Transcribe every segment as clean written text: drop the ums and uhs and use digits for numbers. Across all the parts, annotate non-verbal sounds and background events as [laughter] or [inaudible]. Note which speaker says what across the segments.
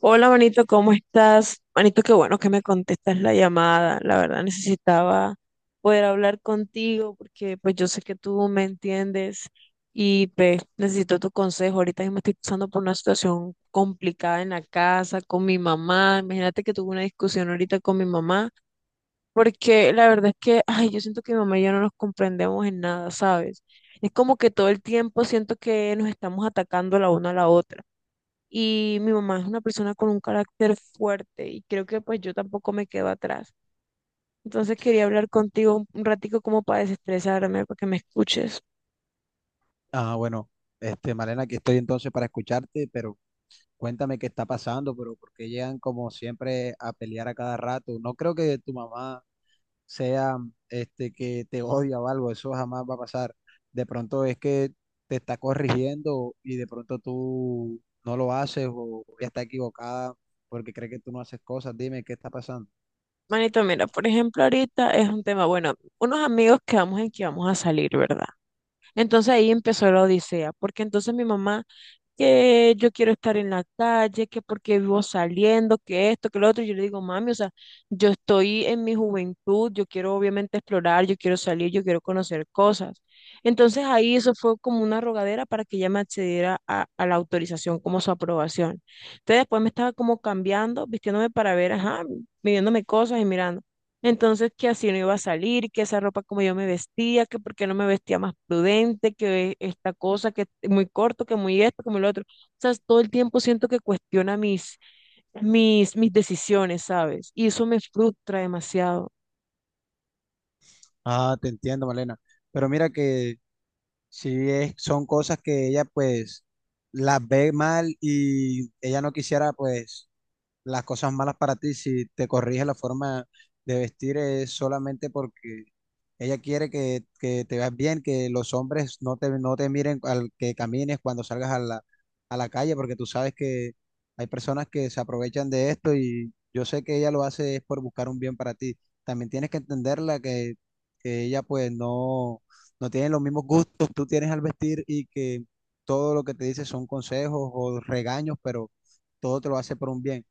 Speaker 1: Hola, manito, ¿cómo estás? Manito, qué bueno que me contestas la llamada. La verdad necesitaba poder hablar contigo porque pues yo sé que tú me entiendes y pues necesito tu consejo. Ahorita mismo estoy pasando por una situación complicada en la casa con mi mamá. Imagínate que tuve una discusión ahorita con mi mamá porque la verdad es que, ay, yo siento que mi mamá y yo no nos comprendemos en nada, ¿sabes? Es como que todo el tiempo siento que nos estamos atacando la una a la otra y mi mamá es una persona con un carácter fuerte y creo que pues yo tampoco me quedo atrás. Entonces quería hablar contigo un ratico como para desestresarme, para que me escuches.
Speaker 2: Ah, bueno, Malena, aquí estoy entonces para escucharte, pero cuéntame qué está pasando, pero por qué llegan como siempre a pelear a cada rato. No creo que tu mamá sea, que te odia o algo, eso jamás va a pasar. De pronto es que te está corrigiendo y de pronto tú no lo haces o ella está equivocada porque cree que tú no haces cosas. Dime qué está pasando.
Speaker 1: Manito, mira, por ejemplo, ahorita es un tema, bueno, unos amigos quedamos en que vamos a salir, ¿verdad? Entonces ahí empezó la odisea, porque entonces mi mamá que yo quiero estar en la calle, que porque vivo saliendo, que esto, que lo otro. Yo le digo, mami, o sea, yo estoy en mi juventud, yo quiero obviamente explorar, yo quiero salir, yo quiero conocer cosas. Entonces ahí eso fue como una rogadera para que ella me accediera a la autorización, como su aprobación. Entonces después me estaba como cambiando, vistiéndome para ver, ajá, midiéndome cosas y mirando. Entonces, que así no iba a salir, que esa ropa como yo me vestía, que por qué no me vestía más prudente, que esta cosa, que muy corto, que muy esto, que muy lo otro. O sea, todo el tiempo siento que cuestiona mis decisiones, ¿sabes? Y eso me frustra demasiado.
Speaker 2: Ah, te entiendo, Malena. Pero mira que sí, son cosas que ella pues las ve mal y ella no quisiera pues las cosas malas para ti. Si te corrige la forma de vestir es solamente porque ella quiere que te veas bien, que los hombres no te, no te miren al que camines cuando salgas a la calle, porque tú sabes que hay personas que se aprovechan de esto y yo sé que ella lo hace es por buscar un bien para ti. También tienes que entenderla, que ella pues no, no tiene los mismos gustos que tú tienes al vestir y que todo lo que te dice son consejos o regaños, pero todo te lo hace por un bien.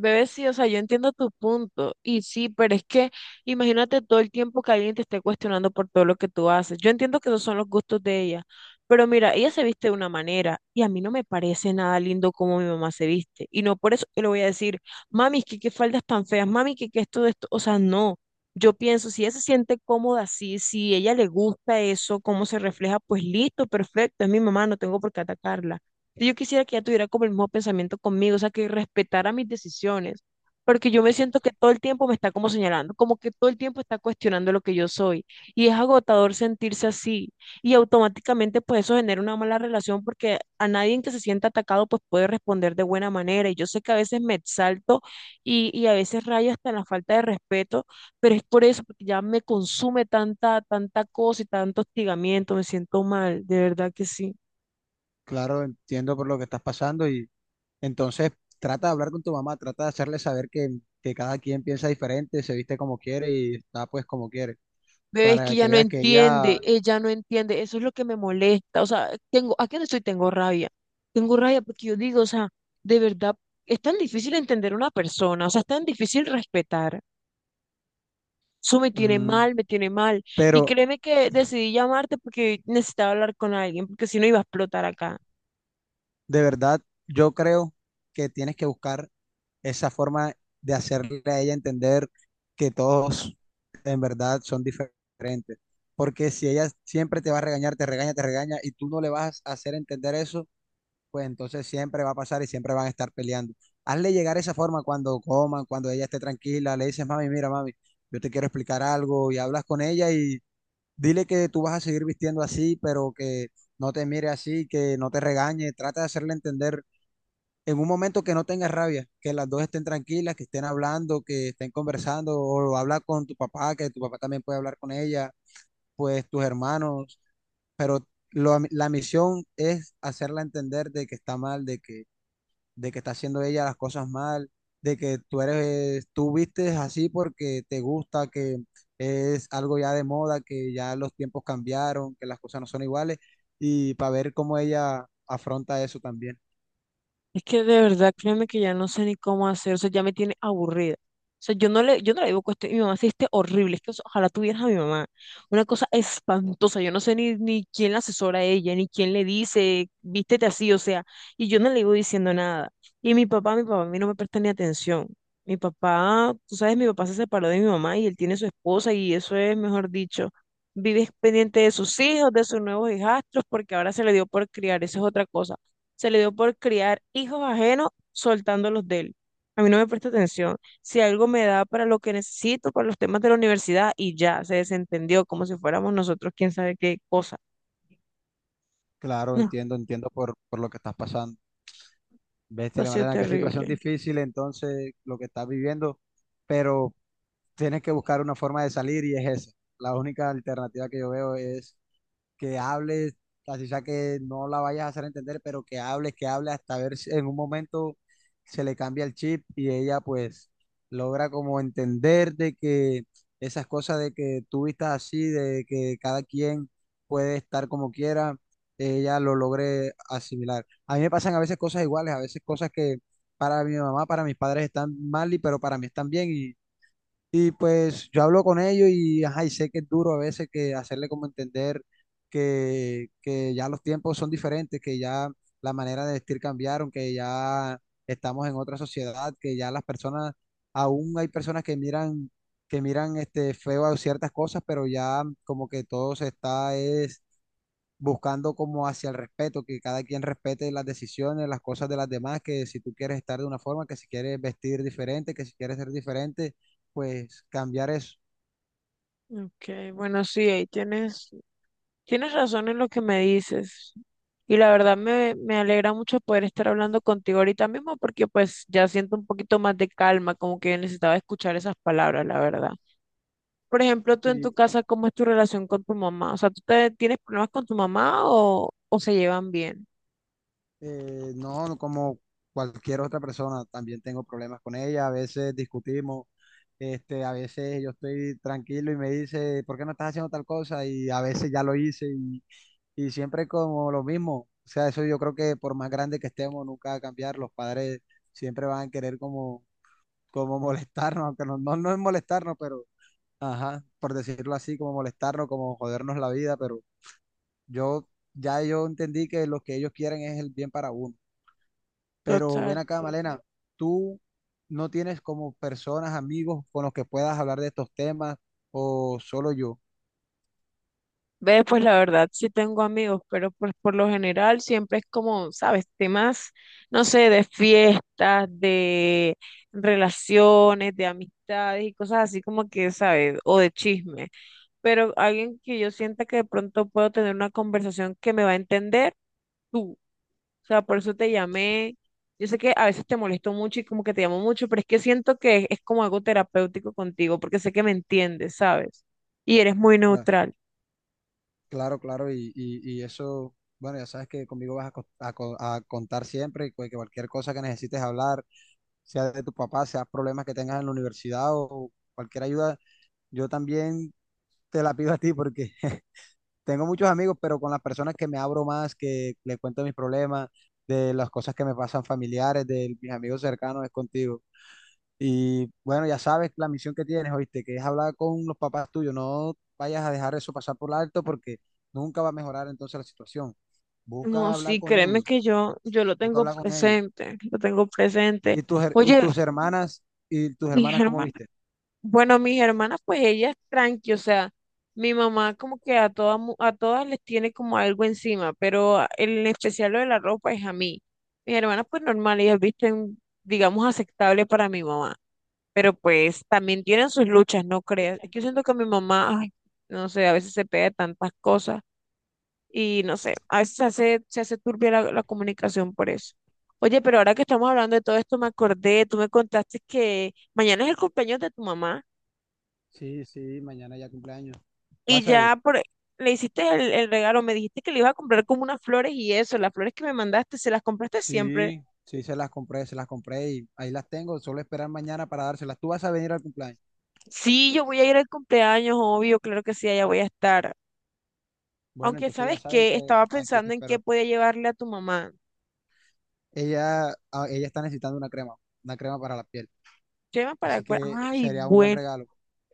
Speaker 1: Bebé, sí, o sea, yo entiendo tu punto. Y sí, pero es que imagínate todo el tiempo que alguien te esté cuestionando por todo lo que tú haces. Yo entiendo que esos son los gustos de ella. Pero mira, ella se viste de una manera y a mí no me parece nada lindo como mi mamá se viste. Y no por eso yo le voy a decir, mami, que qué faldas tan feas, mami, que qué esto de esto. O sea, no. Yo pienso, si ella se siente cómoda así, si ella le gusta eso, cómo se refleja, pues listo, perfecto, es mi mamá, no tengo por qué atacarla. Yo quisiera que ella tuviera como el mismo pensamiento conmigo, o sea, que respetara mis decisiones, porque yo me siento que todo el tiempo me está como señalando, como que todo el tiempo está cuestionando lo que yo soy, y es agotador sentirse así, y automáticamente pues eso genera una mala relación porque a nadie en que se sienta atacado pues puede responder de buena manera, y yo sé que a veces me exalto y a veces rayo hasta en la falta de respeto, pero es por eso, porque ya me consume tanta cosa y tanto hostigamiento, me siento mal, de verdad que sí.
Speaker 2: Claro, entiendo por lo que estás pasando, y entonces trata de hablar con tu mamá, trata de hacerle saber que cada quien piensa diferente, se viste como quiere y está pues como quiere,
Speaker 1: Bebé, es que
Speaker 2: para que veas que ella...
Speaker 1: ella no entiende, eso es lo que me molesta, o sea, tengo, ¿a qué no estoy? Tengo rabia porque yo digo, o sea, de verdad, es tan difícil entender a una persona, o sea, es tan difícil respetar, eso
Speaker 2: mm,
Speaker 1: me tiene mal, y
Speaker 2: pero
Speaker 1: créeme que decidí llamarte porque necesitaba hablar con alguien, porque si no iba a explotar acá.
Speaker 2: de verdad, yo creo que tienes que buscar esa forma de hacerle a ella entender que todos en verdad son diferentes, porque si ella siempre te va a regañar, te regaña y tú no le vas a hacer entender eso, pues entonces siempre va a pasar y siempre van a estar peleando. Hazle llegar esa forma cuando coman, cuando ella esté tranquila, le dices, mami, mira, mami, yo te quiero explicar algo, y hablas con ella y dile que tú vas a seguir vistiendo así, pero que no te mire así, que no te regañe. Trata de hacerle entender en un momento que no tengas rabia, que las dos estén tranquilas, que estén hablando, que estén conversando, o habla con tu papá, que tu papá también puede hablar con ella, pues tus hermanos, pero la misión es hacerla entender de que está mal, de que está haciendo ella las cosas mal, de que tú eres, tú vistes así porque te gusta, que es algo ya de moda, que ya los tiempos cambiaron, que las cosas no son iguales, y para ver cómo ella afronta eso también.
Speaker 1: Es que de verdad, créeme que ya no sé ni cómo hacer, o sea, ya me tiene aburrida. O sea, yo no le digo que mi mamá se viste horrible, es que o sea, ojalá tuvieras a mi mamá. Una cosa espantosa, yo no sé ni, ni quién la asesora a ella, ni quién le dice, vístete así, o sea, y yo no le iba diciendo nada. Y mi papá a mí no me presta ni atención. Mi papá, tú sabes, mi papá se separó de mi mamá y él tiene su esposa y eso es, mejor dicho, vive pendiente de sus hijos, de sus nuevos hijastros, porque ahora se le dio por criar, eso es otra cosa se le dio por criar hijos ajenos soltando los de él. A mí no me presta atención. Si algo me da para lo que necesito, para los temas de la universidad, y ya se desentendió como si fuéramos nosotros quién sabe qué cosa.
Speaker 2: Claro,
Speaker 1: No,
Speaker 2: entiendo, entiendo por lo que estás pasando.
Speaker 1: esto
Speaker 2: Bestia,
Speaker 1: ha sido
Speaker 2: Malena, qué situación
Speaker 1: terrible.
Speaker 2: difícil entonces lo que estás viviendo, pero tienes que buscar una forma de salir y es esa. La única alternativa que yo veo es que hables, así sea que no la vayas a hacer entender, pero que hables hasta ver si en un momento se le cambia el chip y ella pues logra como entender de que esas cosas, de que tú vistas así, de que cada quien puede estar como quiera, ella lo logre asimilar. A mí me pasan a veces cosas iguales, a veces cosas que para mi mamá, para mis padres están mal, y pero para mí están bien y pues yo hablo con ellos y, ajá, y sé que es duro a veces que hacerle como entender que ya los tiempos son diferentes, que ya la manera de vestir cambiaron, que ya estamos en otra sociedad, que ya las personas, aún hay personas que miran este feo a ciertas cosas, pero ya como que todo se está es buscando como hacia el respeto, que cada quien respete las decisiones, las cosas de las demás, que si tú quieres estar de una forma, que si quieres vestir diferente, que si quieres ser diferente, pues cambiar eso.
Speaker 1: Ok, bueno, sí, ahí tienes, tienes razón en lo que me dices. Y la verdad me alegra mucho poder estar hablando contigo ahorita mismo porque pues ya siento un poquito más de calma, como que necesitaba escuchar esas palabras, la verdad. Por ejemplo, tú en tu
Speaker 2: Y
Speaker 1: casa, ¿cómo es tu relación con tu mamá? O sea, tienes problemas con tu mamá o se llevan bien?
Speaker 2: no, como cualquier otra persona, también tengo problemas con ella, a veces discutimos. A veces yo estoy tranquilo y me dice, ¿por qué no estás haciendo tal cosa? Y a veces ya lo hice, y siempre como lo mismo. O sea, eso yo creo que por más grande que estemos, nunca va a cambiar. Los padres siempre van a querer como como molestarnos, aunque no, no, no es molestarnos, pero ajá, por decirlo así, como molestarnos, como jodernos la vida, pero yo ya yo entendí que lo que ellos quieren es el bien para uno. Pero
Speaker 1: Total.
Speaker 2: ven acá, Malena, tú no tienes como personas, amigos con los que puedas hablar de estos temas o solo yo.
Speaker 1: Ve, pues la verdad, sí tengo amigos, pero pues por lo general siempre es como, ¿sabes? Temas, no sé, de fiestas, de relaciones, de amistades y cosas así como que, ¿sabes? O de chisme. Pero alguien que yo sienta que de pronto puedo tener una conversación que me va a entender. Tú. O sea, por eso te llamé. Yo sé que a veces te molesto mucho y como que te llamo mucho, pero es que siento que es como algo terapéutico contigo, porque sé que me entiendes, ¿sabes? Y eres muy
Speaker 2: Cla-
Speaker 1: neutral.
Speaker 2: Claro, claro, y, y eso, bueno, ya sabes que conmigo vas a, a a contar siempre, y que cualquier cosa que necesites hablar, sea de tu papá, sea problemas que tengas en la universidad o cualquier ayuda. Yo también te la pido a ti porque [laughs] tengo muchos amigos, pero con las personas que me abro más, que les cuento mis problemas, de las cosas que me pasan familiares, de mis amigos cercanos, es contigo. Y bueno, ya sabes la misión que tienes, oíste, que es hablar con los papás tuyos. No vayas a dejar eso pasar por alto porque nunca va a mejorar entonces la situación.
Speaker 1: No,
Speaker 2: Busca hablar
Speaker 1: sí,
Speaker 2: con
Speaker 1: créeme
Speaker 2: ellos,
Speaker 1: que yo lo
Speaker 2: busca
Speaker 1: tengo
Speaker 2: hablar con ellos.
Speaker 1: presente, lo tengo presente.
Speaker 2: ¿Y tus,
Speaker 1: Oye,
Speaker 2: y tus
Speaker 1: mis
Speaker 2: hermanas, cómo
Speaker 1: hermanas,
Speaker 2: viste?
Speaker 1: bueno, mis hermanas, pues ellas tranqui, o sea, mi mamá como que a todas, mu- a todas les tiene como algo encima, pero a- en especial lo de la ropa es a mí. Mis hermanas, pues normal, ellas visten, digamos, aceptable para mi mamá. Pero pues también tienen sus luchas, no creas. Es que yo siento que mi mamá, ay, no sé, a veces se pega de tantas cosas y no sé, a veces se hace turbia la comunicación por eso. Oye, pero ahora que estamos hablando de todo esto, me acordé, tú me contaste que mañana es el cumpleaños de tu mamá
Speaker 2: Sí, sí, mañana ya cumpleaños.
Speaker 1: y
Speaker 2: ¿Vas a ir?
Speaker 1: ya por, le hiciste el regalo, me dijiste que le ibas a comprar como unas flores y eso, las flores que me mandaste, ¿se las compraste siempre?
Speaker 2: Sí, sí, se las compré y ahí las tengo. Solo esperar mañana para dárselas. Tú vas a venir al cumpleaños.
Speaker 1: Sí, yo voy a ir al cumpleaños, obvio, claro que sí, allá voy a estar.
Speaker 2: Bueno,
Speaker 1: Aunque
Speaker 2: entonces ya
Speaker 1: sabes
Speaker 2: sabes
Speaker 1: que
Speaker 2: que
Speaker 1: estaba
Speaker 2: aquí te
Speaker 1: pensando en qué
Speaker 2: espero.
Speaker 1: podía llevarle a tu mamá.
Speaker 2: Ella, ella está necesitando una crema para la piel.
Speaker 1: Crema para
Speaker 2: Así
Speaker 1: el cuerpo.
Speaker 2: que
Speaker 1: Ay,
Speaker 2: sería un buen
Speaker 1: bueno.
Speaker 2: regalo.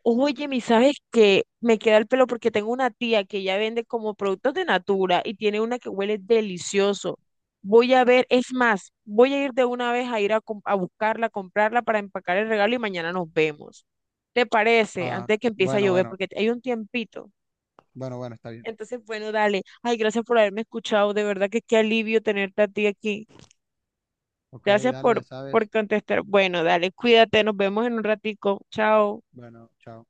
Speaker 1: Oye, mi, ¿sabes qué? Me queda el pelo porque tengo una tía que ya vende como productos de Natura y tiene una que huele delicioso. Voy a ver, es más, voy a ir de una vez a ir a, com- a buscarla, a comprarla para empacar el regalo y mañana nos vemos. ¿Te parece?
Speaker 2: Ah,
Speaker 1: Antes de que empiece a
Speaker 2: bueno,
Speaker 1: llover,
Speaker 2: bueno,
Speaker 1: porque hay un tiempito.
Speaker 2: bueno, bueno, está bien.
Speaker 1: Entonces, bueno, dale. Ay, gracias por haberme escuchado. De verdad que qué alivio tenerte a ti aquí.
Speaker 2: Ok,
Speaker 1: Gracias
Speaker 2: dale, ya
Speaker 1: por, por
Speaker 2: sabes.
Speaker 1: contestar. Bueno, dale, cuídate, nos vemos en un ratico. Chao.
Speaker 2: Bueno, chao.